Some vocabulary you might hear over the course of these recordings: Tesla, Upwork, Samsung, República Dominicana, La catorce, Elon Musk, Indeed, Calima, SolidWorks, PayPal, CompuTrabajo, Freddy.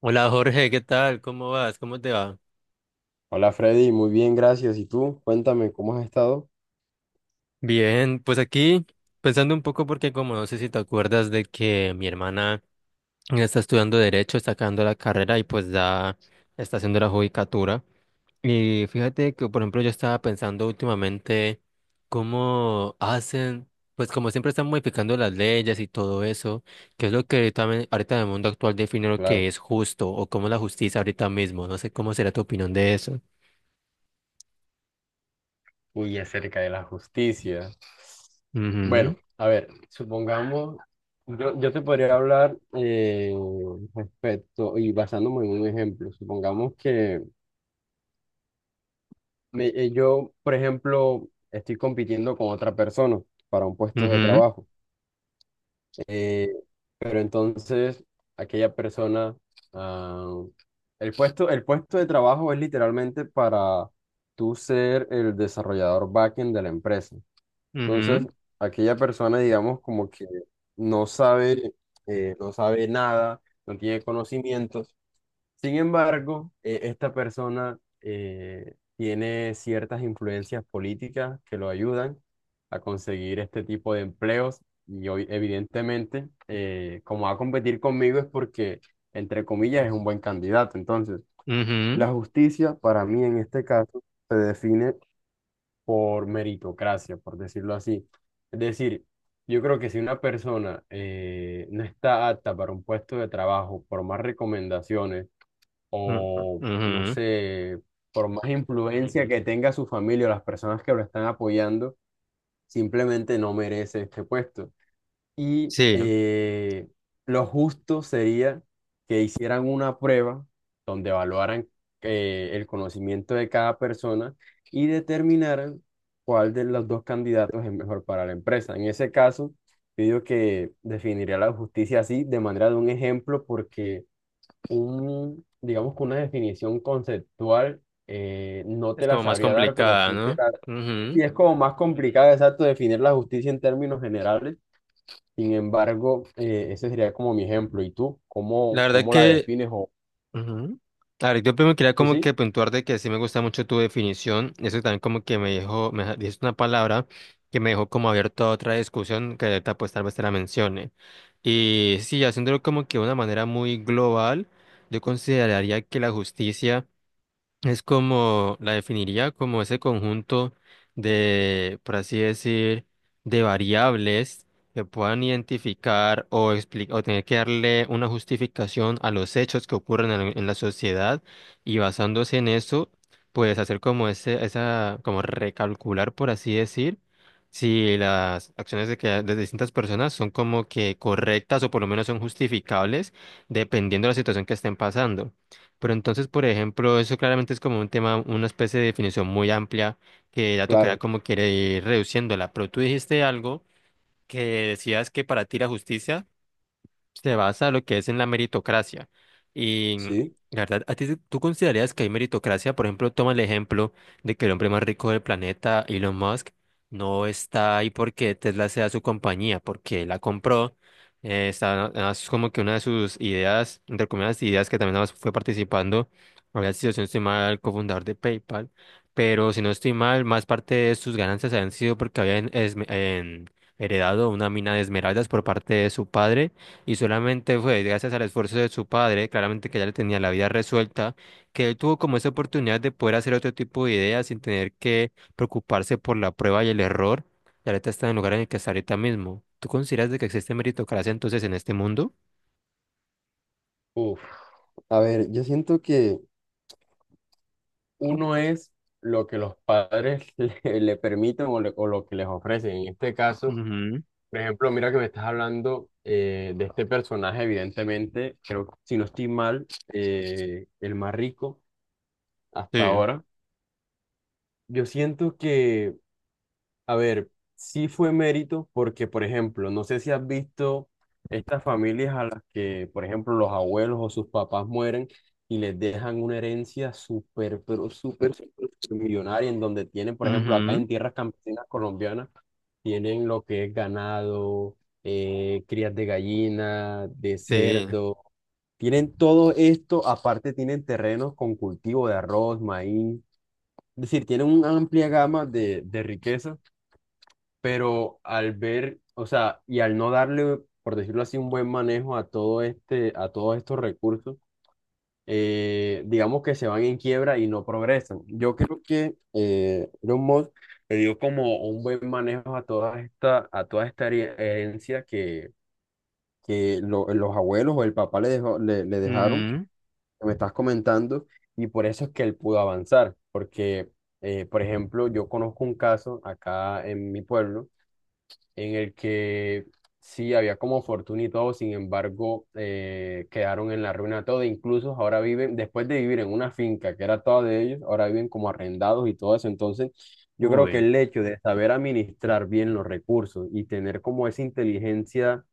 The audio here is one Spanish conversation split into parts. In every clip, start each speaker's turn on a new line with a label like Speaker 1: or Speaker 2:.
Speaker 1: Hola Jorge, ¿qué tal? ¿Cómo vas? ¿Cómo te va?
Speaker 2: Hola Freddy, muy bien, gracias. ¿Y tú? Cuéntame, ¿cómo has estado?
Speaker 1: Bien, pues aquí pensando un poco porque como no sé si te acuerdas de que mi hermana está estudiando derecho, está acabando la carrera y pues ya está haciendo la judicatura. Y fíjate que por ejemplo yo estaba pensando últimamente cómo hacen, pues como siempre están modificando las leyes y todo eso, que es lo que ahorita, ahorita en el mundo actual define lo que
Speaker 2: Claro.
Speaker 1: es justo o cómo la justicia ahorita mismo. No sé cómo será tu opinión de eso.
Speaker 2: Uy, acerca de la justicia. Bueno,
Speaker 1: Ujú.
Speaker 2: a ver, supongamos, yo te podría hablar respecto y basándome en un ejemplo. Supongamos que yo, por ejemplo, estoy compitiendo con otra persona para un puesto de trabajo. Eh, pero entonces, aquella persona, ah, el puesto de trabajo es literalmente para tú ser el desarrollador backend de la empresa.
Speaker 1: Ujú.
Speaker 2: Entonces, aquella persona, digamos, como que no sabe, no sabe nada, no tiene conocimientos. Sin embargo, esta persona tiene ciertas influencias políticas que lo ayudan a conseguir este tipo de empleos y hoy, evidentemente, como va a competir conmigo es porque, entre comillas, es un buen candidato. Entonces,
Speaker 1: Ujú.
Speaker 2: la justicia para mí en este caso se define por meritocracia, por decirlo así. Es decir, yo creo que si una persona no está apta para un puesto de trabajo por más recomendaciones, o no
Speaker 1: Ujú.
Speaker 2: sé, por más influencia que tenga su familia o las personas que lo están apoyando, simplemente no merece este puesto. Y
Speaker 1: Sí,
Speaker 2: lo justo sería que hicieran una prueba donde evaluaran el conocimiento de cada persona y determinaran cuál de los dos candidatos es mejor para la empresa. En ese caso, yo digo que definiría la justicia así, de manera de un ejemplo, porque un, digamos que una definición conceptual, no
Speaker 1: es
Speaker 2: te la
Speaker 1: como más
Speaker 2: sabría dar, pero
Speaker 1: complicada,
Speaker 2: sí te
Speaker 1: ¿no?
Speaker 2: la... Y
Speaker 1: Ujú.
Speaker 2: es como más complicado, exacto, definir la justicia en términos generales. Sin embargo, ese sería como mi ejemplo. ¿Y tú?
Speaker 1: La
Speaker 2: ¿Cómo,
Speaker 1: verdad
Speaker 2: cómo la
Speaker 1: que,
Speaker 2: defines? O...
Speaker 1: ujú. La verdad, yo primero quería
Speaker 2: Sí,
Speaker 1: como
Speaker 2: sí,
Speaker 1: que puntuar de que sí me gusta mucho tu definición. Eso también como que me dejó, me deja- dijiste una palabra que me dejó como abierto a otra discusión que ahorita pues tal vez te la mencione. Y sí, haciéndolo como que de una manera muy global, yo consideraría que la justicia es como, la definiría como ese conjunto de, por así decir, de variables que puedan identificar o, o tener que darle una justificación a los hechos que ocurren en la sociedad y basándose en eso, pues hacer como ese, esa, como recalcular, por así decir, si las acciones de, que, de distintas personas son como que correctas o por lo menos son justificables dependiendo de la situación que estén pasando. Pero entonces, por ejemplo, eso claramente es como un tema, una especie de definición muy amplia que ya tocará
Speaker 2: claro,
Speaker 1: como quiere ir reduciéndola. Pero tú dijiste algo que decías que para ti la justicia se basa lo que es en la meritocracia. Y
Speaker 2: sí.
Speaker 1: la verdad, ¿a ti tú considerarías que hay meritocracia? Por ejemplo, toma el ejemplo de que el hombre más rico del planeta, Elon Musk, no está ahí porque Tesla sea su compañía, porque la compró. Está, es como que una de sus ideas, entre comillas, ideas que también fue participando, había sido, si no estoy mal, cofundador de PayPal, pero si no estoy mal, más parte de sus ganancias habían sido porque habían heredado una mina de esmeraldas por parte de su padre y solamente fue gracias al esfuerzo de su padre, claramente que ya le tenía la vida resuelta, que él tuvo como esa oportunidad de poder hacer otro tipo de ideas sin tener que preocuparse por la prueba y el error. Y ahorita está en el lugar en el que está ahorita mismo. ¿Tú consideras de que existe meritocracia entonces en este mundo?
Speaker 2: Uf. A ver, yo siento que uno es lo que los padres le permiten o, o lo que les ofrecen. En este caso,
Speaker 1: Ujú.
Speaker 2: por ejemplo, mira que me estás hablando de este personaje, evidentemente, creo que si no estoy mal, el más rico hasta
Speaker 1: Sí.
Speaker 2: ahora. Yo siento que, a ver, sí fue mérito porque, por ejemplo, no sé si has visto estas familias a las que, por ejemplo, los abuelos o sus papás mueren y les dejan una herencia súper, pero súper, súper millonaria, en donde tienen, por ejemplo, acá en
Speaker 1: Ujú.
Speaker 2: tierras campesinas colombianas, tienen lo que es ganado, crías de gallina, de
Speaker 1: Sí.
Speaker 2: cerdo, tienen todo esto, aparte tienen terrenos con cultivo de arroz, maíz, es decir, tienen una amplia gama de riquezas, pero al ver, o sea, y al no darle, por decirlo así, un buen manejo a todo este, a todos estos recursos, digamos que se van en quiebra y no progresan. Yo creo que Elon Musk le dio como un buen manejo a toda esta herencia que los abuelos o el papá le dejó, le dejaron, que
Speaker 1: Ujú.
Speaker 2: me estás comentando, y por eso es que él pudo avanzar, porque, por ejemplo, yo conozco un caso acá en mi pueblo en el que sí había como fortuna y todo, sin embargo, quedaron en la ruina todo, incluso ahora viven, después de vivir en una finca que era toda de ellos, ahora viven como arrendados y todo eso. Entonces yo creo que
Speaker 1: Uy.
Speaker 2: el hecho de saber administrar bien los recursos y tener como esa inteligencia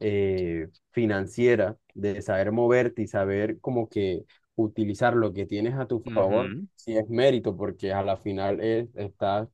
Speaker 2: financiera, de saber moverte y saber como que utilizar lo que tienes a tu favor,
Speaker 1: Ujú.
Speaker 2: sí es mérito, porque a la final es, estás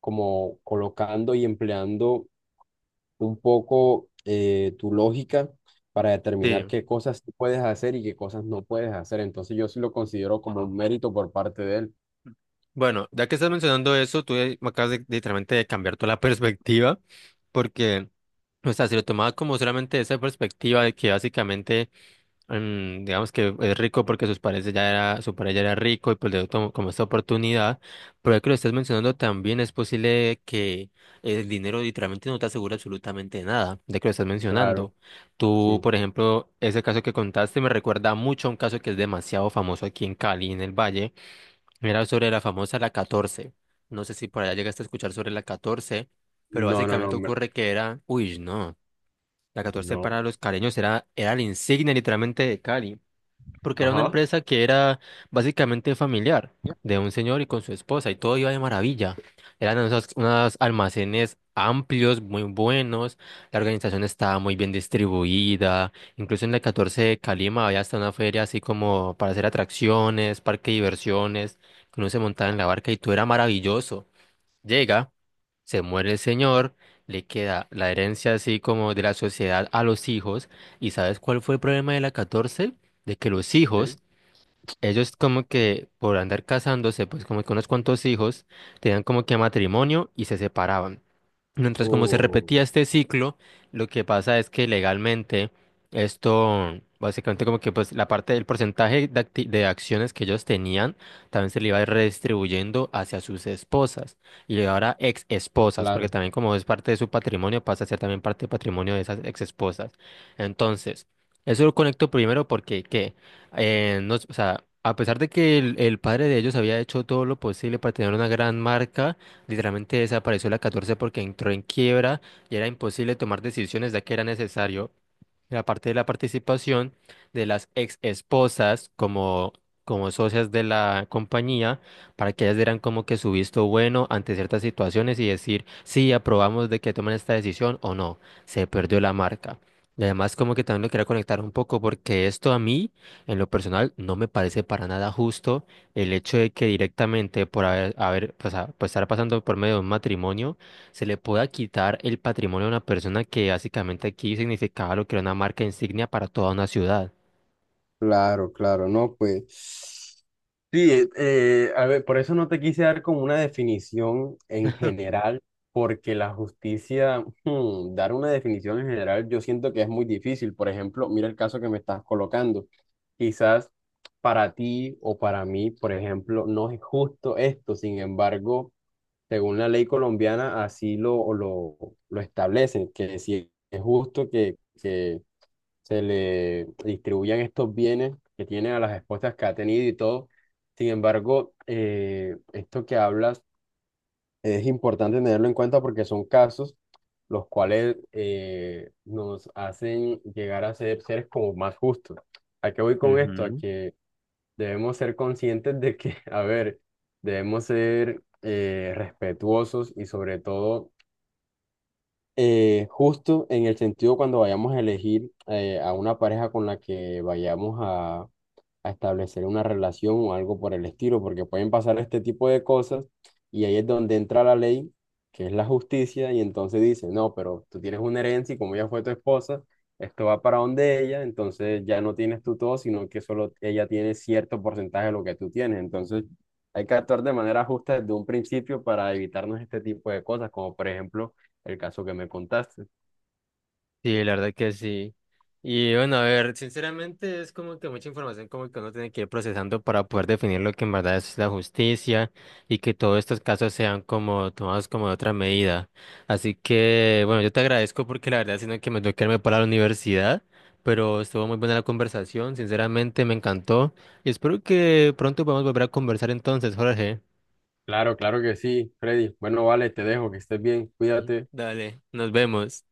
Speaker 2: como colocando y empleando un poco tu lógica para determinar
Speaker 1: Sí.
Speaker 2: qué cosas sí puedes hacer y qué cosas no puedes hacer. Entonces yo sí lo considero como un mérito por parte de él.
Speaker 1: Bueno, ya que estás mencionando eso, tú me acabas de, literalmente de cambiar toda la perspectiva, porque, o sea, si lo tomaba como solamente esa perspectiva de que básicamente, digamos que es rico porque sus padres ya era, su padre ya era rico y pues le dio como esta oportunidad, pero ya que lo estás mencionando también es posible que el dinero literalmente no te asegure absolutamente nada, de que lo estás
Speaker 2: Claro,
Speaker 1: mencionando. Tú,
Speaker 2: sí.
Speaker 1: por ejemplo, ese caso que contaste me recuerda mucho a un caso que es demasiado famoso aquí en Cali, en el Valle, era sobre la famosa La catorce. No sé si por allá llegaste a escuchar sobre La catorce. Pero
Speaker 2: No, no, no,
Speaker 1: básicamente
Speaker 2: me-
Speaker 1: ocurre que uy, no. La catorce
Speaker 2: no.
Speaker 1: para los caleños era la insignia literalmente de Cali, porque era una
Speaker 2: Ajá.
Speaker 1: empresa que era básicamente familiar de un señor y con su esposa y todo iba de maravilla. Eran unos almacenes amplios, muy buenos, la organización estaba muy bien distribuida, incluso en la catorce de Calima había hasta una feria así como para hacer atracciones, parque de diversiones, que uno se montaba en la barca y todo era maravilloso. Llega, se muere el señor, le queda la herencia así como de la sociedad a los hijos. ¿Y sabes cuál fue el problema de la catorce? De que los hijos,
Speaker 2: ¿Qué?
Speaker 1: ellos como que por andar casándose, pues como que unos cuantos hijos, tenían como que matrimonio y se separaban. Mientras como se
Speaker 2: Oh,
Speaker 1: repetía este ciclo, lo que pasa es que legalmente esto, básicamente como que pues la parte del porcentaje de, de acciones que ellos tenían, también se le iba redistribuyendo hacia sus esposas y ahora ex esposas, porque
Speaker 2: claro.
Speaker 1: también como es parte de su patrimonio, pasa a ser también parte del patrimonio de esas ex esposas. Entonces, eso lo conecto primero porque qué, no, o sea, a pesar de que el padre de ellos había hecho todo lo posible para tener una gran marca, literalmente desapareció la 14 porque entró en quiebra y era imposible tomar decisiones ya que era necesario la parte de la participación de las ex esposas como, como socias de la compañía, para que ellas dieran como que su visto bueno ante ciertas situaciones y decir, sí, aprobamos de que tomen esta decisión o no, se perdió la marca. Y además como que también lo quería conectar un poco porque esto a mí, en lo personal, no me parece para nada justo el hecho de que directamente por haber pues, pues, estar pasando por medio de un matrimonio, se le pueda quitar el patrimonio a una persona que básicamente aquí significaba lo que era una marca insignia para toda una ciudad.
Speaker 2: Claro, claro, no, pues sí, a ver, por eso no te quise dar como una definición en general, porque la justicia, hmm, dar una definición en general, yo siento que es muy difícil. Por ejemplo, mira el caso que me estás colocando. Quizás para ti o para mí, por ejemplo, no es justo esto. Sin embargo, según la ley colombiana, así lo establecen, que si es justo que se le distribuyan estos bienes que tiene a las esposas que ha tenido y todo. Sin embargo, esto que hablas es importante tenerlo en cuenta porque son casos los cuales nos hacen llegar a ser seres como más justos. ¿A qué voy con esto? A que debemos ser conscientes de que, a ver, debemos ser respetuosos y sobre todo justo en el sentido cuando vayamos a elegir a una pareja con la que vayamos a establecer una relación o algo por el estilo, porque pueden pasar este tipo de cosas y ahí es donde entra la ley, que es la justicia, y entonces dice, no, pero tú tienes una herencia y como ella fue tu esposa, esto va para donde ella, entonces ya no tienes tú todo, sino que solo ella tiene cierto porcentaje de lo que tú tienes. Entonces hay que actuar de manera justa desde un principio para evitarnos este tipo de cosas, como por ejemplo el caso que me contaste.
Speaker 1: Sí, la verdad que sí. Y bueno, a ver, sinceramente es como que mucha información como que uno tiene que ir procesando para poder definir lo que en verdad es la justicia y que todos estos casos sean como tomados como de otra medida. Así que, bueno, yo te agradezco porque la verdad sino que me tengo que irme para la universidad, pero estuvo muy buena la conversación, sinceramente me encantó y espero que pronto podamos volver a conversar entonces, Jorge.
Speaker 2: Claro, claro que sí, Freddy. Bueno, vale, te dejo, que estés bien,
Speaker 1: Sí.
Speaker 2: cuídate.
Speaker 1: Dale, nos vemos.